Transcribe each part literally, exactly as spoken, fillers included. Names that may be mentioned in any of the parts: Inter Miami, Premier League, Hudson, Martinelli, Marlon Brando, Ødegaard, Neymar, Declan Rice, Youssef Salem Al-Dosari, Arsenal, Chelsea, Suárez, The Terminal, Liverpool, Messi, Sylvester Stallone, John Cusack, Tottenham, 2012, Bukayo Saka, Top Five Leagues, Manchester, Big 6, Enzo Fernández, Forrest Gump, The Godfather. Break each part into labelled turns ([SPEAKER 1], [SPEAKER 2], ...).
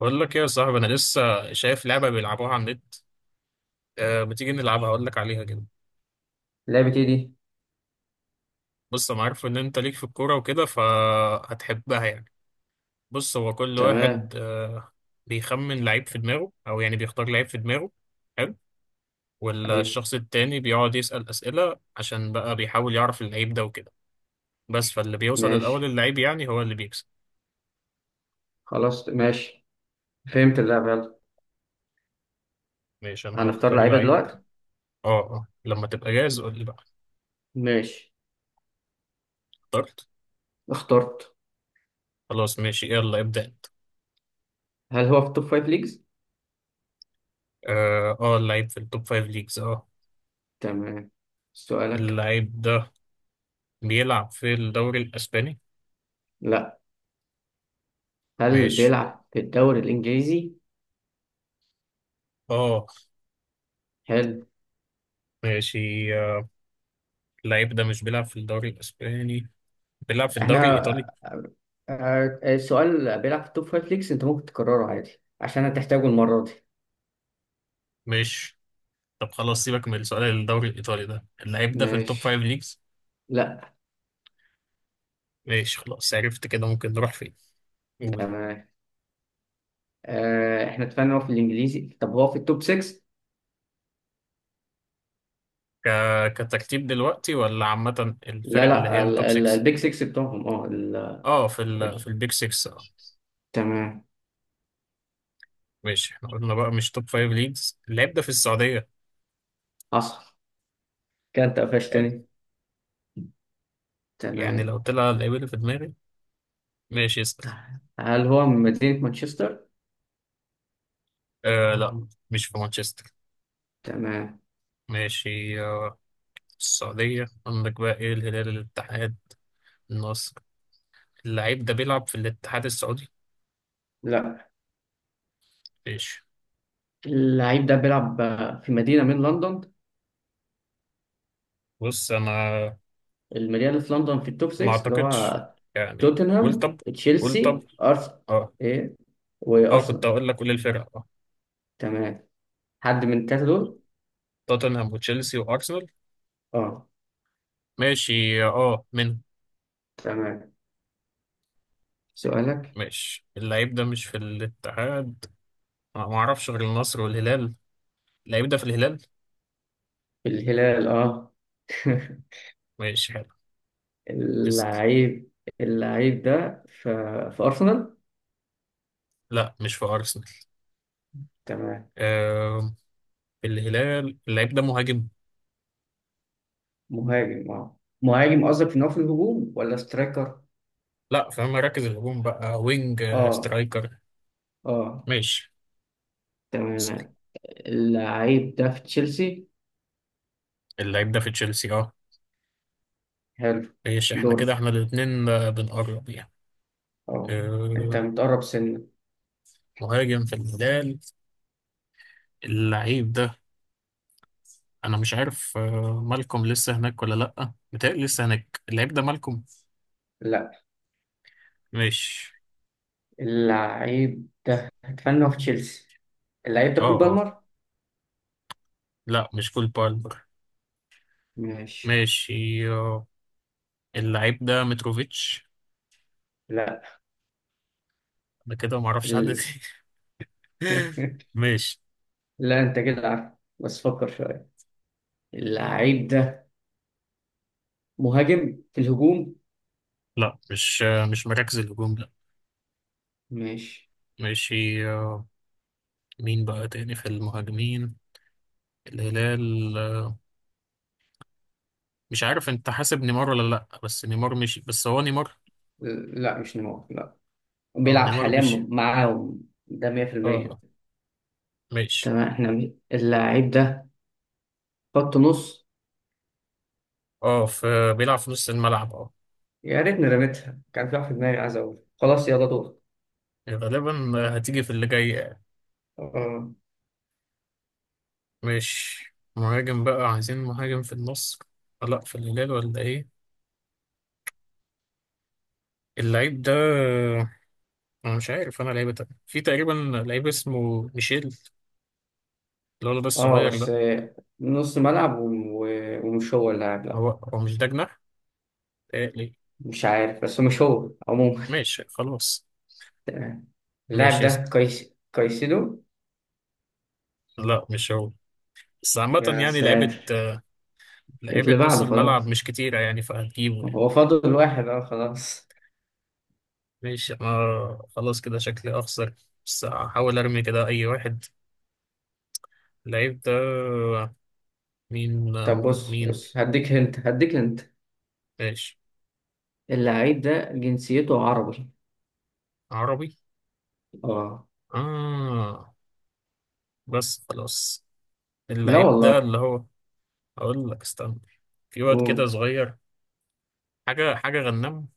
[SPEAKER 1] بقول لك ايه يا صاحبي، انا لسه شايف لعبه بيلعبوها على النت. أه ما تيجي نلعبها اقول لك عليها كده.
[SPEAKER 2] لعبة ايه دي؟
[SPEAKER 1] بص انا عارف ان انت ليك في الكوره وكده فهتحبها يعني. بص هو كل
[SPEAKER 2] تمام.
[SPEAKER 1] واحد أه بيخمن لعيب في دماغه او يعني بيختار لعيب في دماغه. حلو.
[SPEAKER 2] أيوه.
[SPEAKER 1] والشخص التاني بيقعد يسأل اسئله عشان بقى بيحاول يعرف اللعيب ده وكده. بس فاللي بيوصل الاول
[SPEAKER 2] ماشي.
[SPEAKER 1] اللعيب يعني هو اللي بيكسب.
[SPEAKER 2] خلاص، ماشي. فهمت اللعبة، يلا
[SPEAKER 1] ماشي، انا
[SPEAKER 2] هنختار
[SPEAKER 1] هختار
[SPEAKER 2] لعيبة
[SPEAKER 1] لعيب.
[SPEAKER 2] دلوقتي.
[SPEAKER 1] اه اه، لما تبقى جاهز قول لي بقى.
[SPEAKER 2] ماشي،
[SPEAKER 1] اخترت.
[SPEAKER 2] اخترت.
[SPEAKER 1] خلاص ماشي، يلا ابدأ انت.
[SPEAKER 2] هل هو في التوب فايف ليجز؟
[SPEAKER 1] اه آه، اللعيب في التوب فايف ليجز اه.
[SPEAKER 2] تمام. سؤالك؟
[SPEAKER 1] اللعيب ده بيلعب في الدوري الإسباني.
[SPEAKER 2] لا. هل
[SPEAKER 1] ماشي.
[SPEAKER 2] بيلعب في الدوري الإنجليزي؟
[SPEAKER 1] اه.
[SPEAKER 2] حلو.
[SPEAKER 1] ماشي آه، اللعيب ده مش بيلعب في الدوري الإسباني، بيلعب في
[SPEAKER 2] احنا
[SPEAKER 1] الدوري الإيطالي.
[SPEAKER 2] آه، آه، السؤال بيلعب في التوب فايف ليجز، انت ممكن تكرره عادي عشان هتحتاجه المرة دي.
[SPEAKER 1] ماشي. طب خلاص سيبك من السؤال الدوري الإيطالي ده، اللعيب ده في التوب فايف
[SPEAKER 2] ماشي.
[SPEAKER 1] ليجز.
[SPEAKER 2] لا.
[SPEAKER 1] ماشي خلاص، عرفت كده ممكن نروح فين. قول.
[SPEAKER 2] تمام. آه، احنا اتفقنا هو في الانجليزي، طب هو في التوب ستة؟
[SPEAKER 1] ك... كترتيب دلوقتي ولا عامة
[SPEAKER 2] لا
[SPEAKER 1] الفرق اللي هي
[SPEAKER 2] لا، ال-
[SPEAKER 1] التوب
[SPEAKER 2] ال-
[SPEAKER 1] ستة؟
[SPEAKER 2] البيج ستة بتوعهم، اه.
[SPEAKER 1] اه، في ال... في البيج ستة اه.
[SPEAKER 2] تمام،
[SPEAKER 1] ماشي، احنا قلنا بقى مش توب فايف ليجز، اللعيب ده في السعودية.
[SPEAKER 2] حصل. كده انت
[SPEAKER 1] حلو.
[SPEAKER 2] قفشتني.
[SPEAKER 1] يعني
[SPEAKER 2] تمام.
[SPEAKER 1] لو طلع اللعيب اللي في دماغي. ماشي اسأل.
[SPEAKER 2] هل هو من مدينة مانشستر؟
[SPEAKER 1] آه لا، مش في مانشستر.
[SPEAKER 2] تمام.
[SPEAKER 1] ماشي آه. في السعودية عندك بقى ايه، الهلال، الاتحاد، النصر. اللعيب ده بيلعب في الاتحاد السعودي.
[SPEAKER 2] لا.
[SPEAKER 1] ماشي.
[SPEAKER 2] اللعيب ده بيلعب في مدينة من لندن،
[SPEAKER 1] بص انا
[SPEAKER 2] المدينة اللي في لندن في التوب
[SPEAKER 1] ما
[SPEAKER 2] ستة، اللي
[SPEAKER 1] اعتقدش
[SPEAKER 2] هو
[SPEAKER 1] يعني، قول
[SPEAKER 2] توتنهام،
[SPEAKER 1] طب، قول طب.
[SPEAKER 2] تشيلسي، أرسنال.
[SPEAKER 1] اه
[SPEAKER 2] إيه
[SPEAKER 1] اه، كنت
[SPEAKER 2] وأرسنال.
[SPEAKER 1] اقول لك قول الفرقة اه.
[SPEAKER 2] تمام. حد من التلاتة دول؟
[SPEAKER 1] توتنهام وتشيلسي وارسنال.
[SPEAKER 2] اه.
[SPEAKER 1] ماشي اه من.
[SPEAKER 2] تمام، سؤالك؟
[SPEAKER 1] ماشي. اللعيب ده مش في الاتحاد، أنا ما اعرفش غير النصر والهلال، اللعيب ده في الهلال.
[SPEAKER 2] الهلال، اه.
[SPEAKER 1] ماشي حلو. اسأل.
[SPEAKER 2] اللعيب اللعيب ده في في أرسنال؟
[SPEAKER 1] لا، مش في ارسنال.
[SPEAKER 2] تمام.
[SPEAKER 1] آه، الهلال، اللعيب ده مهاجم.
[SPEAKER 2] مهاجم، اه، مهاجم قصدك ان هو في الهجوم ولا سترايكر؟
[SPEAKER 1] لا، في مراكز الهجوم بقى، وينج آه،
[SPEAKER 2] اه،
[SPEAKER 1] سترايكر.
[SPEAKER 2] اه.
[SPEAKER 1] ماشي. بس
[SPEAKER 2] تمام. اللعيب ده في تشيلسي؟
[SPEAKER 1] اللعيب ده في تشيلسي اه.
[SPEAKER 2] حلو.
[SPEAKER 1] ماشي، احنا كده
[SPEAKER 2] دورك.
[SPEAKER 1] احنا الاتنين آه، بنقرب يعني.
[SPEAKER 2] اه. انت
[SPEAKER 1] آه،
[SPEAKER 2] متقرب سنة.
[SPEAKER 1] مهاجم في الهلال، اللعيب ده. انا مش عارف آه، مالكم لسه هناك ولا لا، متهيألي لسه هناك اللعيب ده مالكم.
[SPEAKER 2] لا.
[SPEAKER 1] ماشي.
[SPEAKER 2] اللعيب ده اتمنى هو في تشيلسي، اللعيب ده
[SPEAKER 1] اه
[SPEAKER 2] كول
[SPEAKER 1] اه،
[SPEAKER 2] بالمر.
[SPEAKER 1] لا مش كول بالمر.
[SPEAKER 2] ماشي.
[SPEAKER 1] ماشي آه، اللعيب ده متروفيتش.
[SPEAKER 2] لا.
[SPEAKER 1] انا كده معرفش حد
[SPEAKER 2] ال...
[SPEAKER 1] تاني. ماشي.
[SPEAKER 2] لا، انت كده عارف، بس فكر شوية. اللعيب ده مهاجم في الهجوم.
[SPEAKER 1] لا، مش آه، مش مراكز الهجوم لا.
[SPEAKER 2] ماشي.
[SPEAKER 1] ماشي آه، مين بقى تاني في المهاجمين الهلال آه، مش عارف انت حاسب نيمار ولا لا، بس نيمار مشي، بس هو نيمار.
[SPEAKER 2] لا، مش نمو، لا.
[SPEAKER 1] اه،
[SPEAKER 2] بيلعب
[SPEAKER 1] نيمار
[SPEAKER 2] حاليا
[SPEAKER 1] مشي.
[SPEAKER 2] معاهم، ده
[SPEAKER 1] اه
[SPEAKER 2] مية في المية.
[SPEAKER 1] آه، ماشي.
[SPEAKER 2] تمام، احنا م- اللاعب ده خط نص.
[SPEAKER 1] اه في، بيلعب في نص الملعب اه.
[SPEAKER 2] يا ريتني رميتها، كان في واحد في دماغي عايز اقول خلاص يلا دور.
[SPEAKER 1] غالبا آه، هتيجي في اللي جاي يعني.
[SPEAKER 2] اه،
[SPEAKER 1] ماشي، مهاجم بقى عايزين، مهاجم في النص آه، لا في الهلال ولا ايه، اللعيب ده آه، انا مش عارف انا لعيبه تانية. في تقريبا لعيب اسمه ميشيل، الولد ده
[SPEAKER 2] اه،
[SPEAKER 1] الصغير
[SPEAKER 2] بس
[SPEAKER 1] ده.
[SPEAKER 2] آه، نص ملعب و- و- ومش هو اللاعب، لا.
[SPEAKER 1] هو هو مش ده جناح؟ آه، ليه.
[SPEAKER 2] مش عارف، بس مش هو عموما.
[SPEAKER 1] ماشي خلاص.
[SPEAKER 2] تمام. اللاعب
[SPEAKER 1] ماشي اسأل.
[SPEAKER 2] ده كايس كايسيدو.
[SPEAKER 1] لا، مش هو، بس عامة
[SPEAKER 2] يا
[SPEAKER 1] يعني لعيبة،
[SPEAKER 2] ساتر.
[SPEAKER 1] لعيبة
[SPEAKER 2] اللي
[SPEAKER 1] نص
[SPEAKER 2] بعده
[SPEAKER 1] الملعب
[SPEAKER 2] خلاص،
[SPEAKER 1] مش كتيرة يعني فهتجيبه يعني.
[SPEAKER 2] هو فاضل واحد، اه خلاص.
[SPEAKER 1] ماشي، أنا خلاص كده شكلي أخسر بس هحاول أرمي كده أي واحد. اللعيب ده مين.
[SPEAKER 2] طب بص
[SPEAKER 1] مين.
[SPEAKER 2] بص، هديك هنت هديك هنت.
[SPEAKER 1] ماشي.
[SPEAKER 2] اللاعب ده جنسيته عربي.
[SPEAKER 1] عربي.
[SPEAKER 2] اه.
[SPEAKER 1] آه. بس خلاص.
[SPEAKER 2] لا
[SPEAKER 1] اللعيب ده
[SPEAKER 2] والله.
[SPEAKER 1] اللي هو، أقول لك استنى، في واد كده
[SPEAKER 2] أوه.
[SPEAKER 1] صغير، حاجة حاجة غنام.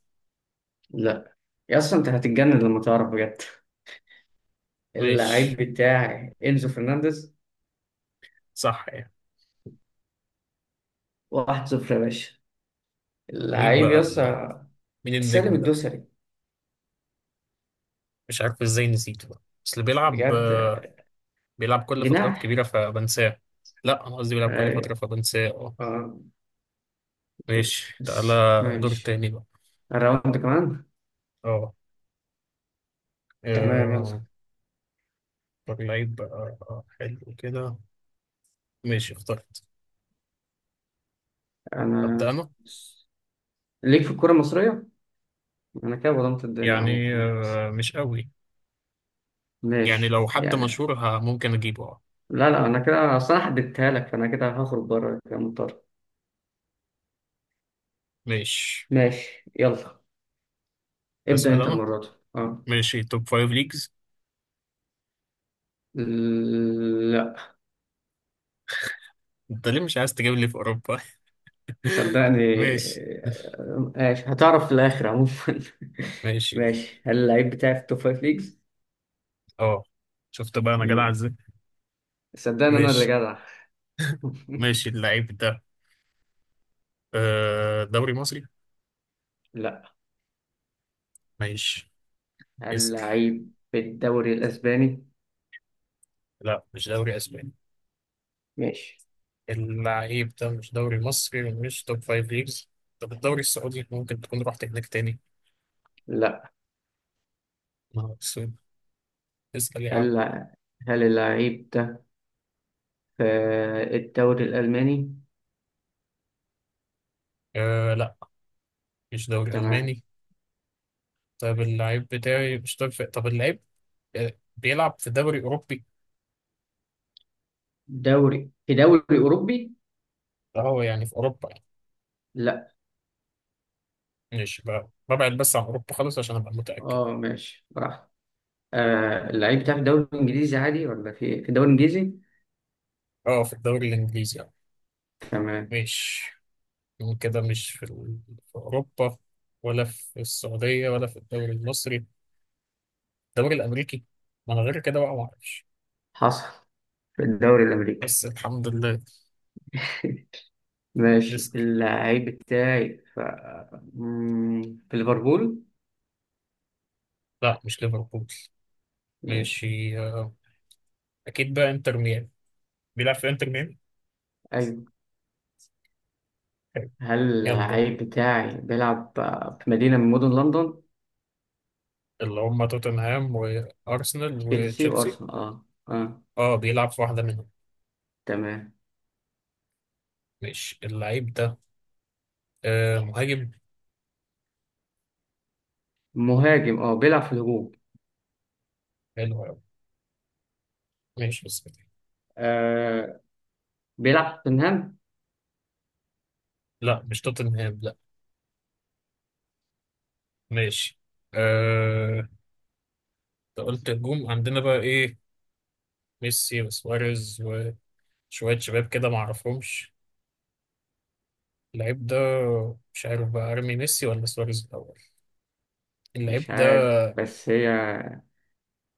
[SPEAKER 2] لا. يا اصلا انت هتتجنن لما تعرف بجد. اللعيب
[SPEAKER 1] ماشي.
[SPEAKER 2] بتاعي انزو فرنانديز.
[SPEAKER 1] صح يعني.
[SPEAKER 2] واحد صفر يا باشا.
[SPEAKER 1] مين
[SPEAKER 2] اللعيب
[SPEAKER 1] بقى ال...
[SPEAKER 2] يسا
[SPEAKER 1] مين
[SPEAKER 2] سالم
[SPEAKER 1] النجم ده.
[SPEAKER 2] الدوسري.
[SPEAKER 1] مش عارف ازاي نسيته بقى، بس اللي بيلعب
[SPEAKER 2] بجد.
[SPEAKER 1] بيلعب كل فترات كبيرة
[SPEAKER 2] جناح.
[SPEAKER 1] فبنساه. لا، أنا قصدي بيلعب كل فترة
[SPEAKER 2] أي-
[SPEAKER 1] فبنساه اه.
[SPEAKER 2] اه،
[SPEAKER 1] ماشي تعالى.
[SPEAKER 2] بس
[SPEAKER 1] دور
[SPEAKER 2] ماشي.
[SPEAKER 1] تاني بقى.
[SPEAKER 2] الراوند كمان.
[SPEAKER 1] اه
[SPEAKER 2] تمام،
[SPEAKER 1] آه،
[SPEAKER 2] يلا.
[SPEAKER 1] اختار لعيب بقى آه، حلو كده. ماشي اخترت. أبدأ
[SPEAKER 2] انا
[SPEAKER 1] أنا.
[SPEAKER 2] ليك في الكرة المصرية، انا كده ظلمت الدنيا
[SPEAKER 1] يعني
[SPEAKER 2] عموما.
[SPEAKER 1] آه، مش قوي. يعني
[SPEAKER 2] ماشي
[SPEAKER 1] لو حد مشهور
[SPEAKER 2] يعني.
[SPEAKER 1] ه- ممكن أجيبه اه.
[SPEAKER 2] لا لا، انا كده اصل انا حددتها لك، فانا كده هخرج بره كده مضطر.
[SPEAKER 1] ماشي
[SPEAKER 2] ماشي، يلا ابدأ
[SPEAKER 1] أسأل
[SPEAKER 2] انت
[SPEAKER 1] أنا.
[SPEAKER 2] المرة دي. اه.
[SPEAKER 1] ماشي توب فايف ليجز. أنت ليه مش عايز تجيب لي في أوروبا؟
[SPEAKER 2] صدقني،
[SPEAKER 1] ماشي.
[SPEAKER 2] آه، ماشي هتعرف في الآخر عموما.
[SPEAKER 1] ماشي
[SPEAKER 2] ماشي. هل اللعيب بتاعي في التوب فايف ليجز؟
[SPEAKER 1] اه. شفت بقى أنا جدع
[SPEAKER 2] مم.
[SPEAKER 1] إزاي.
[SPEAKER 2] صدقني أنا اللي
[SPEAKER 1] ماشي.
[SPEAKER 2] جدع.
[SPEAKER 1] ماشي اللعيب ده آه، دوري مصري.
[SPEAKER 2] لا.
[SPEAKER 1] ماشي.
[SPEAKER 2] هل
[SPEAKER 1] اسباني.
[SPEAKER 2] اللعيب في الدوري الأسباني؟
[SPEAKER 1] لا، مش دوري اسباني.
[SPEAKER 2] ماشي.
[SPEAKER 1] اللعيب ده مش دوري مصري مش توب فايف ليجز. طب الدوري السعودي ممكن تكون رحت هناك تاني.
[SPEAKER 2] لا.
[SPEAKER 1] ما هو السعودي. اسأل يا عم.
[SPEAKER 2] هل هل اللعيب ده في الدوري الألماني؟
[SPEAKER 1] آه لا، مش دوري
[SPEAKER 2] تمام.
[SPEAKER 1] ألماني. طب اللعيب بتاعي مش توب فايف، طب اللعيب آه، بيلعب في دوري أوروبي.
[SPEAKER 2] دوري، في دوري أوروبي؟
[SPEAKER 1] اه يعني في أوروبا يعني.
[SPEAKER 2] لا.
[SPEAKER 1] ماشي بقى، ببعد بس عن أوروبا خالص عشان أبقى متأكد.
[SPEAKER 2] اه ماشي، براحتك. آه، اللعيب بتاعي في الدوري الإنجليزي عادي، ولا في في الدوري الإنجليزي؟
[SPEAKER 1] اه في الدوري الإنجليزي يعني.
[SPEAKER 2] تمام.
[SPEAKER 1] مش كده، مش في، ال- في أوروبا ولا في السعودية ولا في الدوري المصري، الدوري الامريكي، ما انا غير كده بقى ما اعرفش.
[SPEAKER 2] حصل، في الدوري الأمريكي.
[SPEAKER 1] بس الحمد لله.
[SPEAKER 2] ماشي.
[SPEAKER 1] لسه.
[SPEAKER 2] اللعيب بتاعي في مم، في ليفربول.
[SPEAKER 1] لا، مش ليفربول.
[SPEAKER 2] ماشي.
[SPEAKER 1] ماشي آه، اكيد بقى انتر ميامي، بيلعب في انتر ميامي.
[SPEAKER 2] أيوة.
[SPEAKER 1] حلو.
[SPEAKER 2] هل
[SPEAKER 1] يلا ده
[SPEAKER 2] اللعيب بتاعي بيلعب آه، في مدينة من مدن لندن؟
[SPEAKER 1] اللي هم توتنهام وارسنال
[SPEAKER 2] تشيلسي
[SPEAKER 1] وتشيلسي،
[SPEAKER 2] وأرسنال، أه أه.
[SPEAKER 1] اه بيلعب في واحده منهم.
[SPEAKER 2] تمام.
[SPEAKER 1] ماشي اللعيب ده آه مهاجم.
[SPEAKER 2] مهاجم، أه، بيلعب في الهجوم.
[SPEAKER 1] حلو قوي. ماشي بس كده.
[SPEAKER 2] آه بيلعب في توتنهام.
[SPEAKER 1] لا، مش توتنهام لا. ماشي. آه. انت قلت هجوم، عندنا بقى ايه، ميسي وسواريز وشويه شباب كده ما اعرفهمش. اللعيب ده مش عارف بقى ارمي ميسي ولا سواريز الاول. اللعيب
[SPEAKER 2] مش
[SPEAKER 1] ده
[SPEAKER 2] عارف، بس هي.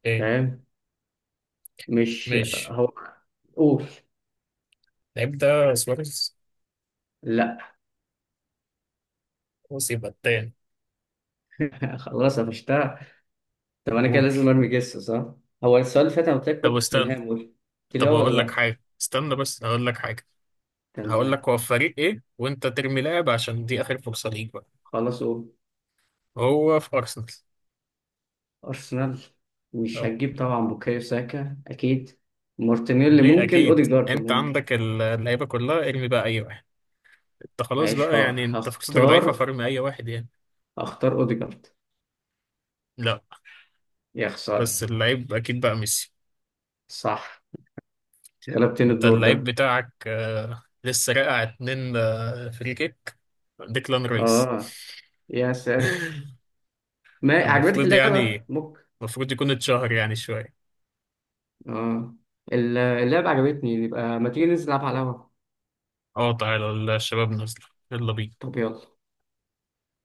[SPEAKER 1] ايه.
[SPEAKER 2] فاهم. مش
[SPEAKER 1] ماشي.
[SPEAKER 2] هو. أوف.
[SPEAKER 1] اللعيب ده سواريز.
[SPEAKER 2] لا.
[SPEAKER 1] خلاص يبقى التاني.
[SPEAKER 2] خلاص قفشتها. طب أنا كده
[SPEAKER 1] قول
[SPEAKER 2] لازم أرمي جس، صح؟ هو السؤال اللي فات أنا قلت لك
[SPEAKER 1] طب
[SPEAKER 2] برضه
[SPEAKER 1] استنى.
[SPEAKER 2] توتنهام، قلت لي
[SPEAKER 1] طب
[SPEAKER 2] أه ولا
[SPEAKER 1] هقول لك
[SPEAKER 2] لأ؟
[SPEAKER 1] حاجه استنى، بس هقول لك حاجه. هقول
[SPEAKER 2] تمام.
[SPEAKER 1] لك هو في فريق ايه وانت ترمي لاعب عشان دي اخر فرصه ليك بقى.
[SPEAKER 2] خلصوا.
[SPEAKER 1] هو في ارسنال.
[SPEAKER 2] أرسنال. مش
[SPEAKER 1] اه
[SPEAKER 2] هتجيب طبعا بوكايو ساكا أكيد، مارتينيلي
[SPEAKER 1] ليه
[SPEAKER 2] ممكن،
[SPEAKER 1] اكيد،
[SPEAKER 2] أوديجارد
[SPEAKER 1] انت
[SPEAKER 2] ممكن.
[SPEAKER 1] عندك ال- اللعيبه كلها، ارمي بقى اي واحد. انت خلاص
[SPEAKER 2] ماشي،
[SPEAKER 1] بقى
[SPEAKER 2] ه-
[SPEAKER 1] يعني انت فرصتك
[SPEAKER 2] هختار
[SPEAKER 1] ضعيفه فارمي اي واحد يعني.
[SPEAKER 2] هختار أوديجارد.
[SPEAKER 1] لا،
[SPEAKER 2] يا خسارة.
[SPEAKER 1] بس اللعيب اكيد بقى ميسي.
[SPEAKER 2] صح، غلبتني
[SPEAKER 1] انت
[SPEAKER 2] الدور
[SPEAKER 1] اللعيب
[SPEAKER 2] ده.
[SPEAKER 1] بتاعك آه، لسه راقع اتنين آه، فري كيك ديكلان رايس.
[SPEAKER 2] آه، يا ساتر. ما عجبتك
[SPEAKER 1] المفروض
[SPEAKER 2] اللعبة؟
[SPEAKER 1] يعني،
[SPEAKER 2] ممكن.
[SPEAKER 1] المفروض يكون اتشهر يعني شوية.
[SPEAKER 2] آه ال- اللعبة عجبتني، يبقى ما تيجي ننزل نلعب على القهوة.
[SPEAKER 1] اه تعالى الشباب نازلة، يلا بينا.
[SPEAKER 2] طب يلا.